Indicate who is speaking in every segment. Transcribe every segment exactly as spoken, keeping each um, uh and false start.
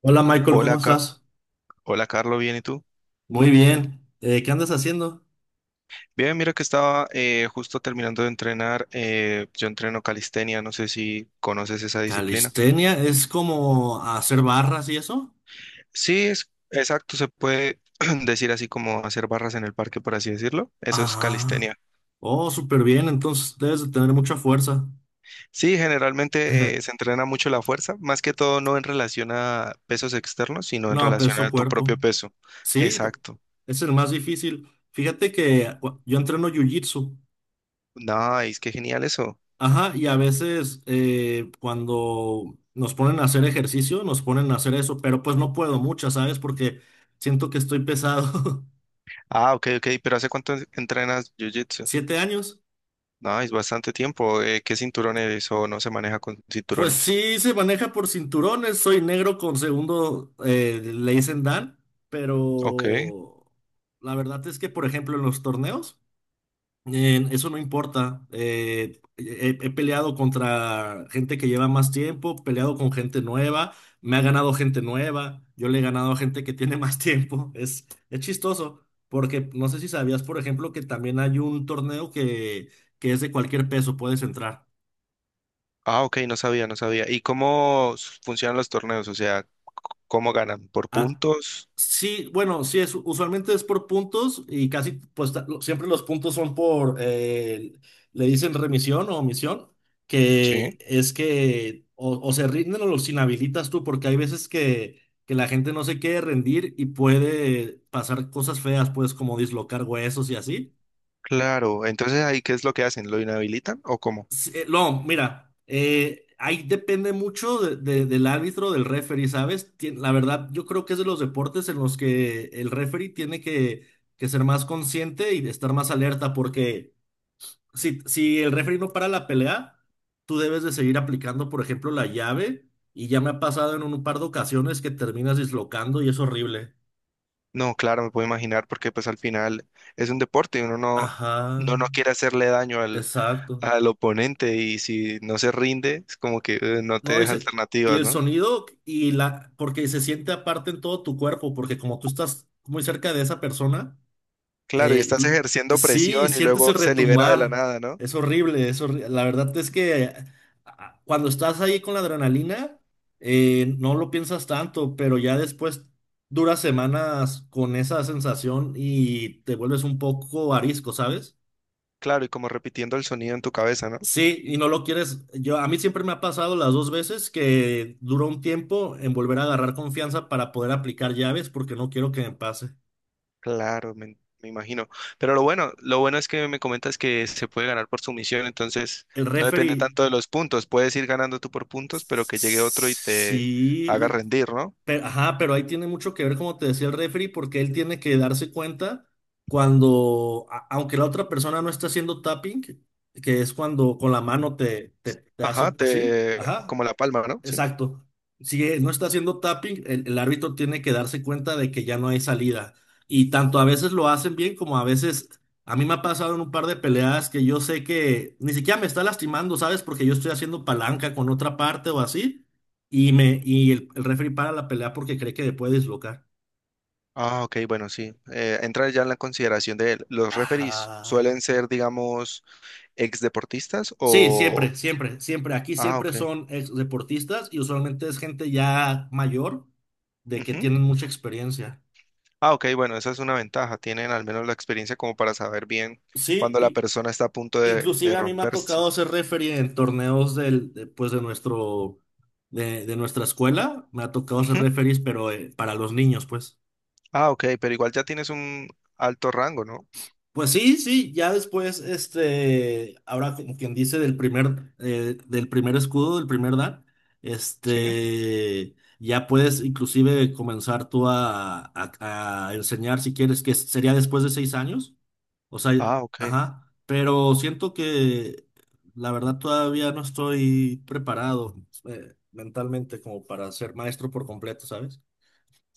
Speaker 1: Hola Michael, ¿cómo
Speaker 2: Hola, Ca-
Speaker 1: estás?
Speaker 2: hola Carlos, ¿bien y tú?
Speaker 1: Muy bien. Eh, ¿qué andas haciendo?
Speaker 2: Bien, mira que estaba eh, justo terminando de entrenar. eh, yo entreno calistenia, no sé si conoces esa disciplina.
Speaker 1: Calistenia es como hacer barras y eso.
Speaker 2: Sí, es exacto, se puede decir así como hacer barras en el parque, por así decirlo. Eso es
Speaker 1: Ah,
Speaker 2: calistenia.
Speaker 1: oh, súper bien. Entonces debes de tener mucha fuerza.
Speaker 2: Sí, generalmente eh, se entrena mucho la fuerza, más que todo no en relación a pesos externos, sino en
Speaker 1: No,
Speaker 2: relación
Speaker 1: peso
Speaker 2: a tu propio
Speaker 1: cuerpo.
Speaker 2: peso.
Speaker 1: Sí,
Speaker 2: Exacto.
Speaker 1: es el más difícil. Fíjate que cu- yo entreno jiu-jitsu.
Speaker 2: Nice, qué genial eso.
Speaker 1: Ajá, y a veces eh, cuando nos ponen a hacer ejercicio, nos ponen a hacer eso, pero pues no puedo mucho, ¿sabes? Porque siento que estoy pesado.
Speaker 2: Ah, ok, ok, pero ¿hace cuánto entrenas jiu-jitsu?
Speaker 1: ¿Siete años?
Speaker 2: Nice, bastante tiempo. Eh, ¿qué cinturones o no se maneja con
Speaker 1: Pues
Speaker 2: cinturones?
Speaker 1: sí, se maneja por cinturones. Soy negro con segundo, eh, le dicen Dan,
Speaker 2: Ok.
Speaker 1: pero la verdad es que, por ejemplo, en los torneos, eh, eso no importa. Eh, he, he peleado contra gente que lleva más tiempo, peleado con gente nueva, me ha ganado gente nueva, yo le he ganado a gente que tiene más tiempo. Es, es chistoso, porque no sé si sabías, por ejemplo, que también hay un torneo que, que es de cualquier peso, puedes entrar.
Speaker 2: Ah, ok, no sabía, no sabía. ¿Y cómo s- funcionan los torneos? O sea, c- ¿cómo ganan? ¿Por
Speaker 1: Ah,
Speaker 2: puntos?
Speaker 1: sí, bueno, sí, es, usualmente es por puntos y casi, pues ta- lo- siempre los puntos son por, eh, le dicen remisión o omisión, que
Speaker 2: Sí.
Speaker 1: es que o, o se rinden o los inhabilitas tú, porque hay veces que, que la gente no se quiere rendir y puede pasar cosas feas, pues como dislocar huesos y así.
Speaker 2: Claro. Entonces ahí, ¿qué es lo que hacen? ¿Lo inhabilitan o cómo?
Speaker 1: Sí, eh, no, mira, eh, ahí depende mucho de- de- del árbitro, del referee, ¿sabes? Tien- la verdad, yo creo que es de los deportes en los que el referee tiene que, que ser más consciente y de estar más alerta, porque si, si el referee no para la pelea, tú debes de seguir aplicando, por ejemplo, la llave, y ya me ha pasado en un par de ocasiones que terminas dislocando y es horrible.
Speaker 2: No, claro, me puedo imaginar porque pues al final es un deporte y uno no,
Speaker 1: Ajá,
Speaker 2: no, no quiere hacerle daño al,
Speaker 1: exacto.
Speaker 2: al oponente, y si no se rinde, es como que eh, no te
Speaker 1: No, y,
Speaker 2: deja
Speaker 1: se- y
Speaker 2: alternativas,
Speaker 1: el
Speaker 2: ¿no?
Speaker 1: sonido y la, porque se siente aparte en todo tu cuerpo, porque como tú estás muy cerca de esa persona,
Speaker 2: Claro, y
Speaker 1: eh,
Speaker 2: estás
Speaker 1: l-
Speaker 2: ejerciendo
Speaker 1: sí,
Speaker 2: presión y
Speaker 1: sientes el
Speaker 2: luego se libera de la
Speaker 1: retumbar.
Speaker 2: nada, ¿no?
Speaker 1: Es horrible, es horri- La verdad es que ah, cuando estás ahí con la adrenalina, eh, no lo piensas tanto, pero ya después duras semanas con esa sensación y te vuelves un poco arisco, ¿sabes?
Speaker 2: Claro, y como repitiendo el sonido en tu cabeza, ¿no?
Speaker 1: Sí, y no lo quieres. Yo, a mí siempre me ha pasado las dos veces que duró un tiempo en volver a agarrar confianza para poder aplicar llaves porque no quiero que me pase.
Speaker 2: Claro, me, me imagino. Pero lo bueno, lo bueno es que me comentas que se puede ganar por sumisión, entonces
Speaker 1: El
Speaker 2: no depende
Speaker 1: referee,
Speaker 2: tanto de los puntos. Puedes ir ganando tú por puntos, pero que llegue otro y te haga
Speaker 1: sí,
Speaker 2: rendir, ¿no?
Speaker 1: pero, ajá, pero ahí tiene mucho que ver, como te decía el referee, porque él tiene que darse cuenta cuando, a- aunque la otra persona no está haciendo tapping, que es cuando con la mano te, te, te
Speaker 2: Ajá,
Speaker 1: hace así,
Speaker 2: te
Speaker 1: ajá.
Speaker 2: como la palma, ¿no? Sí.
Speaker 1: Exacto. Si no está haciendo tapping, el, el árbitro tiene que darse cuenta de que ya no hay salida. Y tanto a veces lo hacen bien como a veces, a mí me ha pasado en un par de peleas que yo sé que ni siquiera me está lastimando, ¿sabes? Porque yo estoy haciendo palanca con otra parte o así. Y, me, y el, el referee para la pelea porque cree que le puede dislocar.
Speaker 2: Ah, ok, bueno, sí. Eh, entra ya en la consideración de los referees.
Speaker 1: Ajá.
Speaker 2: ¿Suelen ser, digamos, ex deportistas
Speaker 1: Sí,
Speaker 2: o...?
Speaker 1: siempre, siempre, siempre. Aquí
Speaker 2: Ah,
Speaker 1: siempre
Speaker 2: ok.
Speaker 1: son ex deportistas y usualmente es gente ya mayor de que
Speaker 2: Ujú.
Speaker 1: tienen mucha experiencia.
Speaker 2: Ah, ok, bueno, esa es una ventaja. Tienen al menos la experiencia como para saber bien cuando la
Speaker 1: Sí,
Speaker 2: persona está a punto de, de
Speaker 1: inclusive a mí me ha
Speaker 2: romperse.
Speaker 1: tocado ser referee en torneos del, de, pues de nuestro, de, de nuestra escuela. Me ha tocado ser
Speaker 2: Ujú.
Speaker 1: referees, pero eh, para los niños, pues.
Speaker 2: Ah, ok, pero igual ya tienes un alto rango, ¿no?
Speaker 1: Pues sí, sí, ya después, este, ahora como quien dice del primer, eh, del primer escudo, del primer dan,
Speaker 2: Sí.
Speaker 1: este, ya puedes inclusive comenzar tú a, a- a enseñar si quieres, que sería después de seis años, o sea,
Speaker 2: Ah, ok.
Speaker 1: ajá, pero siento que la verdad todavía no estoy preparado, eh, mentalmente como para ser maestro por completo, ¿sabes?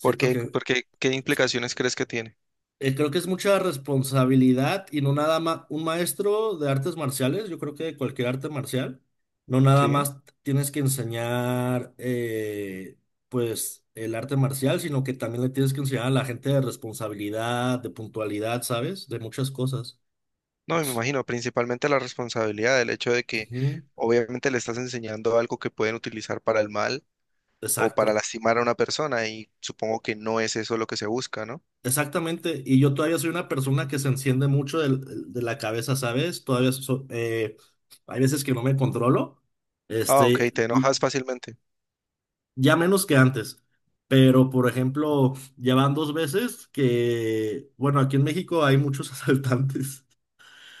Speaker 2: ¿Por qué,
Speaker 1: que
Speaker 2: por qué, qué implicaciones crees que tiene?
Speaker 1: eh, Creo que es mucha responsabilidad y no nada más un maestro de artes marciales, yo creo que de cualquier arte marcial, no nada
Speaker 2: Sí.
Speaker 1: más tienes que enseñar eh, pues el arte marcial, sino que también le tienes que enseñar a la gente de responsabilidad, de puntualidad, ¿sabes? De muchas cosas.
Speaker 2: No, me imagino, principalmente la responsabilidad, el hecho de que
Speaker 1: Ujú,
Speaker 2: obviamente le estás enseñando algo que pueden utilizar para el mal o para
Speaker 1: exacto,
Speaker 2: lastimar a una persona, y supongo que no es eso lo que se busca, ¿no?
Speaker 1: exactamente. Y yo todavía soy una persona que se enciende mucho del- de, la cabeza, ¿sabes? Todavía so- eh, hay veces que no me controlo.
Speaker 2: Ah, ok,
Speaker 1: Este,
Speaker 2: te enojas fácilmente.
Speaker 1: ya menos que antes. Pero, por ejemplo, ya van dos veces que, bueno, aquí en México hay muchos asaltantes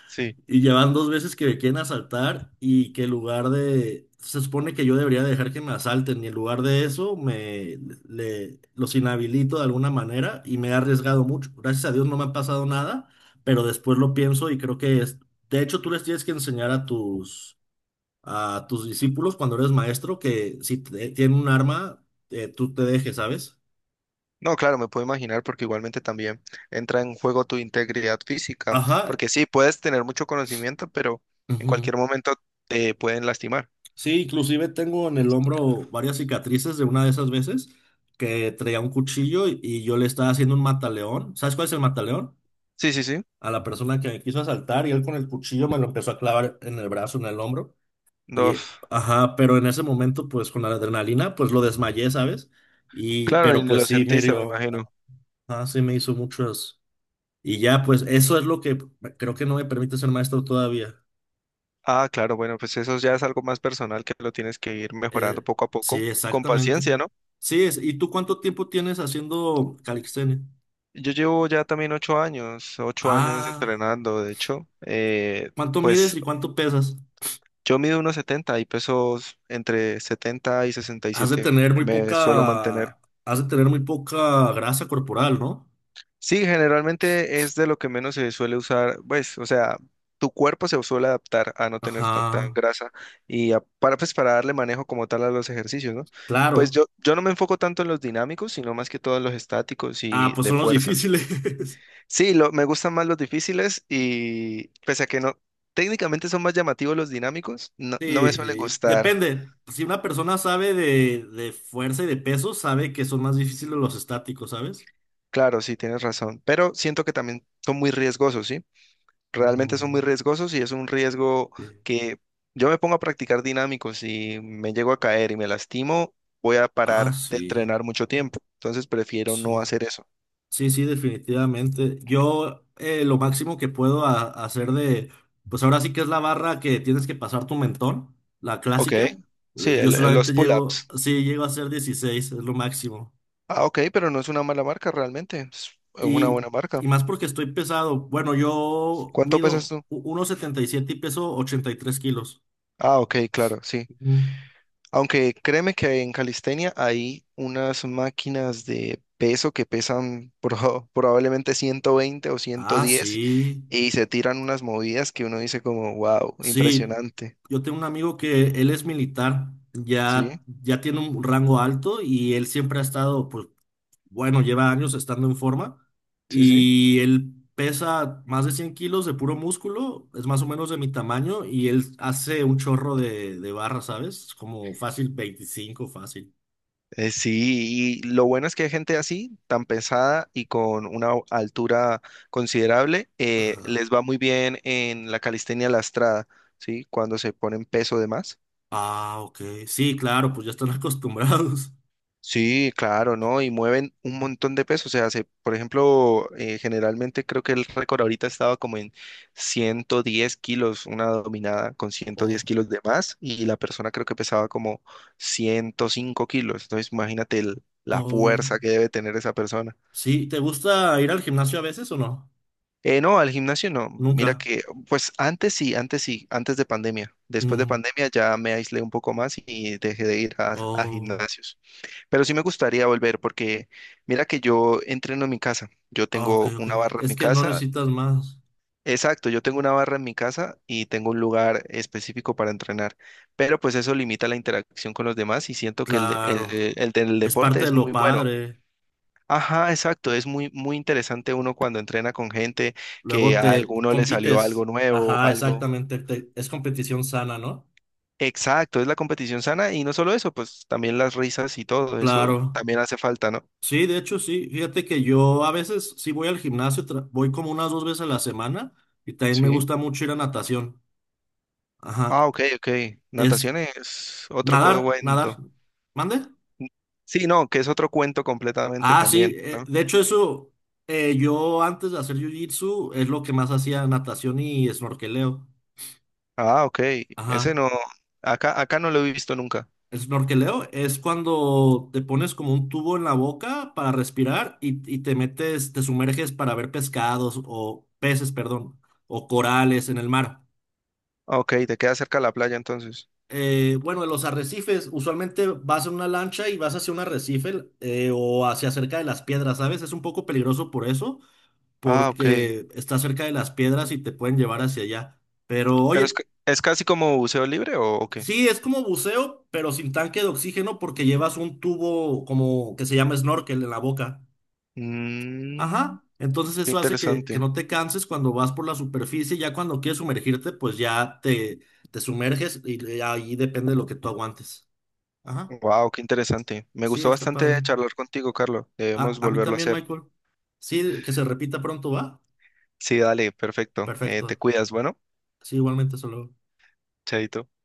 Speaker 2: Sí.
Speaker 1: y ya van dos veces que me quieren asaltar y que en lugar de, se supone que yo debería dejar que me asalten y en lugar de eso me le, los inhabilito de alguna manera y me he arriesgado mucho. Gracias a Dios no me ha pasado nada, pero después lo pienso y creo que es, de hecho tú les tienes que enseñar a tus a tus discípulos cuando eres maestro que si te- tienen un arma, eh, tú te dejes, ¿sabes?
Speaker 2: No, claro, me puedo imaginar porque igualmente también entra en juego tu integridad física,
Speaker 1: Ajá.
Speaker 2: porque sí, puedes tener mucho conocimiento, pero en
Speaker 1: Ujú.
Speaker 2: cualquier momento te pueden lastimar.
Speaker 1: Sí, inclusive tengo en el hombro varias cicatrices de una de esas veces que traía un cuchillo y, y yo le estaba haciendo un mataleón. ¿Sabes cuál es el mataleón?
Speaker 2: Sí, sí, sí.
Speaker 1: A la persona que me quiso asaltar y él con el cuchillo me lo empezó a clavar en el brazo, en el hombro. Y,
Speaker 2: No,
Speaker 1: eh, ajá, pero en ese momento, pues con la adrenalina, pues lo desmayé, ¿sabes? Y,
Speaker 2: claro, y
Speaker 1: pero
Speaker 2: ni
Speaker 1: pues
Speaker 2: lo
Speaker 1: sí, me
Speaker 2: sentiste, me
Speaker 1: hirió.
Speaker 2: imagino.
Speaker 1: Ajá, sí me hizo muchas. Y ya, pues eso es lo que creo que no me permite ser maestro todavía.
Speaker 2: Ah, claro, bueno, pues eso ya es algo más personal que lo tienes que ir mejorando
Speaker 1: Eh,
Speaker 2: poco a poco,
Speaker 1: sí,
Speaker 2: con
Speaker 1: exactamente.
Speaker 2: paciencia, ¿no?
Speaker 1: Sí, es, ¿y tú cuánto tiempo tienes haciendo calistenia?
Speaker 2: Yo llevo ya también ocho años, ocho años
Speaker 1: Ah,
Speaker 2: entrenando, de hecho, eh,
Speaker 1: ¿cuánto mides
Speaker 2: pues
Speaker 1: y cuánto pesas?
Speaker 2: yo mido unos setenta y pesos entre setenta y sesenta y
Speaker 1: Has de
Speaker 2: siete,
Speaker 1: tener muy
Speaker 2: me suelo mantener.
Speaker 1: poca, has de tener muy poca grasa corporal, ¿no?
Speaker 2: Sí, generalmente es de lo que menos se suele usar, pues, o sea, tu cuerpo se suele adaptar a no tener tanta
Speaker 1: Ajá,
Speaker 2: grasa y a- para, pues, para darle manejo como tal a los ejercicios, ¿no? Pues
Speaker 1: claro.
Speaker 2: yo, yo no me enfoco tanto en los dinámicos, sino más que todo en los estáticos
Speaker 1: Ah,
Speaker 2: y
Speaker 1: pues
Speaker 2: de
Speaker 1: son los
Speaker 2: fuerza.
Speaker 1: difíciles.
Speaker 2: Sí, lo, me gustan más los difíciles y pese a que no, técnicamente son más llamativos los dinámicos, no, no me suelen
Speaker 1: Sí,
Speaker 2: gustar.
Speaker 1: depende. Si una persona sabe de, de fuerza y de peso, sabe que son más difíciles los estáticos, ¿sabes?
Speaker 2: Claro, sí, tienes razón, pero siento que también son muy riesgosos, ¿sí? Realmente son muy
Speaker 1: Mm,
Speaker 2: riesgosos y es un riesgo
Speaker 1: sí.
Speaker 2: que yo me pongo a practicar dinámicos y me llego a caer y me lastimo, voy a
Speaker 1: Ah,
Speaker 2: parar de
Speaker 1: sí,
Speaker 2: entrenar mucho tiempo. Entonces prefiero no
Speaker 1: sí.
Speaker 2: hacer eso.
Speaker 1: Sí, sí, definitivamente. Yo eh, Lo máximo que puedo a- hacer de, pues ahora sí que es la barra que tienes que pasar tu mentón, la
Speaker 2: Ok,
Speaker 1: clásica. Eh,
Speaker 2: sí,
Speaker 1: Yo
Speaker 2: el- el- los
Speaker 1: solamente llego,
Speaker 2: pull-ups.
Speaker 1: sí, llego a ser dieciséis, es lo máximo.
Speaker 2: Ah, ok, pero no es una mala marca realmente, es una
Speaker 1: Y,
Speaker 2: buena
Speaker 1: y
Speaker 2: marca.
Speaker 1: más porque estoy pesado. Bueno, yo
Speaker 2: ¿Cuánto pesas
Speaker 1: mido
Speaker 2: tú?
Speaker 1: u- uno setenta y siete y peso ochenta y tres kilos.
Speaker 2: Ah, ok, claro, sí.
Speaker 1: Ujú.
Speaker 2: Aunque créeme que en calistenia hay unas máquinas de peso que pesan proba- probablemente ciento veinte o
Speaker 1: Ah,
Speaker 2: ciento diez,
Speaker 1: sí.
Speaker 2: y se tiran unas movidas que uno dice como, wow,
Speaker 1: Sí,
Speaker 2: impresionante.
Speaker 1: yo tengo un amigo que él es militar,
Speaker 2: Sí,
Speaker 1: ya, ya tiene un rango alto y él siempre ha estado, pues, bueno, lleva años estando en forma
Speaker 2: sí, sí.
Speaker 1: y él pesa más de cien kilos de puro músculo, es más o menos de mi tamaño y él hace un chorro de, de barras, ¿sabes? Como fácil veinticinco, fácil.
Speaker 2: Eh, sí, y lo bueno es que hay gente así, tan pesada y con una o- altura considerable, eh, les
Speaker 1: Ajá.
Speaker 2: va muy bien en la calistenia lastrada, ¿sí? Cuando se ponen peso de más.
Speaker 1: Ah, ok. Sí, claro, pues ya están acostumbrados.
Speaker 2: Sí, claro, ¿no? Y mueven un montón de peso. O sea, se, por ejemplo, eh, generalmente creo que el récord ahorita estaba como en ciento diez kilos, una dominada con ciento diez
Speaker 1: Oh,
Speaker 2: kilos de más, y la persona creo que pesaba como ciento cinco kilos. Entonces, imagínate el- la
Speaker 1: oh.
Speaker 2: fuerza que debe tener esa persona.
Speaker 1: Sí, ¿te gusta ir al gimnasio a veces o no?
Speaker 2: Eh, no, al gimnasio no. Mira
Speaker 1: Nunca.
Speaker 2: que, pues antes sí, antes sí, antes de pandemia. Después de
Speaker 1: Mm.
Speaker 2: pandemia ya me aislé un poco más y dejé de ir a, a
Speaker 1: Oh,
Speaker 2: gimnasios. Pero sí me gustaría volver porque mira que yo entreno en mi casa. Yo
Speaker 1: ah, ok,
Speaker 2: tengo
Speaker 1: ok.
Speaker 2: una barra en
Speaker 1: Es
Speaker 2: mi
Speaker 1: que no
Speaker 2: casa.
Speaker 1: necesitas más.
Speaker 2: Exacto, yo tengo una barra en mi casa y tengo un lugar específico para entrenar. Pero pues eso limita la interacción con los demás y siento que el, de- el,
Speaker 1: Claro.
Speaker 2: eh, el del
Speaker 1: Es
Speaker 2: deporte
Speaker 1: parte de
Speaker 2: es
Speaker 1: lo
Speaker 2: muy bueno.
Speaker 1: padre.
Speaker 2: Ajá, exacto. Es muy, muy interesante uno cuando entrena con gente que
Speaker 1: Luego
Speaker 2: a
Speaker 1: te
Speaker 2: alguno le salió algo
Speaker 1: compites.
Speaker 2: nuevo,
Speaker 1: Ajá,
Speaker 2: algo.
Speaker 1: exactamente. Te- es competición sana, ¿no?
Speaker 2: Exacto, es la competición sana, y no solo eso, pues también las risas y todo eso
Speaker 1: Claro.
Speaker 2: también hace falta, ¿no?
Speaker 1: Sí, de hecho, sí. Fíjate que yo a veces sí voy al gimnasio, tra- voy como unas dos veces a la semana y también me
Speaker 2: Sí.
Speaker 1: gusta mucho ir a natación.
Speaker 2: Ah,
Speaker 1: Ajá.
Speaker 2: ok, ok.
Speaker 1: Es
Speaker 2: Natación es otro
Speaker 1: nadar, nadar.
Speaker 2: cuento.
Speaker 1: ¿Mande?
Speaker 2: Sí, no, que es otro cuento completamente
Speaker 1: Ah, sí,
Speaker 2: también,
Speaker 1: eh,
Speaker 2: ¿no?
Speaker 1: de hecho eso, eh, yo antes de hacer jiu-jitsu es lo que más hacía natación y snorkeleo.
Speaker 2: Ah, ok. Ese
Speaker 1: Ajá.
Speaker 2: no, acá, acá no lo he visto nunca.
Speaker 1: El snorkeleo es cuando te pones como un tubo en la boca para respirar y, y te metes, te sumerges para ver pescados o peces, perdón, o corales en el mar.
Speaker 2: Ah, ok, te queda cerca la playa entonces.
Speaker 1: Eh, bueno, en los arrecifes, usualmente vas en una lancha y vas hacia un arrecife eh, o hacia cerca de las piedras, ¿sabes? Es un poco peligroso por eso
Speaker 2: Ah, ok.
Speaker 1: porque está cerca de las piedras y te pueden llevar hacia allá. Pero
Speaker 2: Pero es,
Speaker 1: oye,
Speaker 2: ca- es casi como buceo libre o, o qué?
Speaker 1: sí, es como buceo, pero sin tanque de oxígeno porque llevas un tubo como que se llama snorkel en la boca.
Speaker 2: Mmm,
Speaker 1: Ajá. Entonces
Speaker 2: qué
Speaker 1: eso hace que, que
Speaker 2: interesante.
Speaker 1: no te canses cuando vas por la superficie, ya cuando quieres sumergirte, pues ya te, te sumerges y le- ahí depende de lo que tú aguantes. Ajá.
Speaker 2: Wow, qué interesante. Me
Speaker 1: Sí,
Speaker 2: gustó
Speaker 1: está
Speaker 2: bastante
Speaker 1: padre.
Speaker 2: charlar contigo, Carlos.
Speaker 1: A,
Speaker 2: Debemos
Speaker 1: a mí
Speaker 2: volverlo a
Speaker 1: también,
Speaker 2: hacer.
Speaker 1: Michael. Sí, que se repita pronto, ¿va?
Speaker 2: Sí, dale, perfecto. Eh, te
Speaker 1: Perfecto.
Speaker 2: cuidas, bueno,
Speaker 1: Sí, igualmente, solo.
Speaker 2: chaito.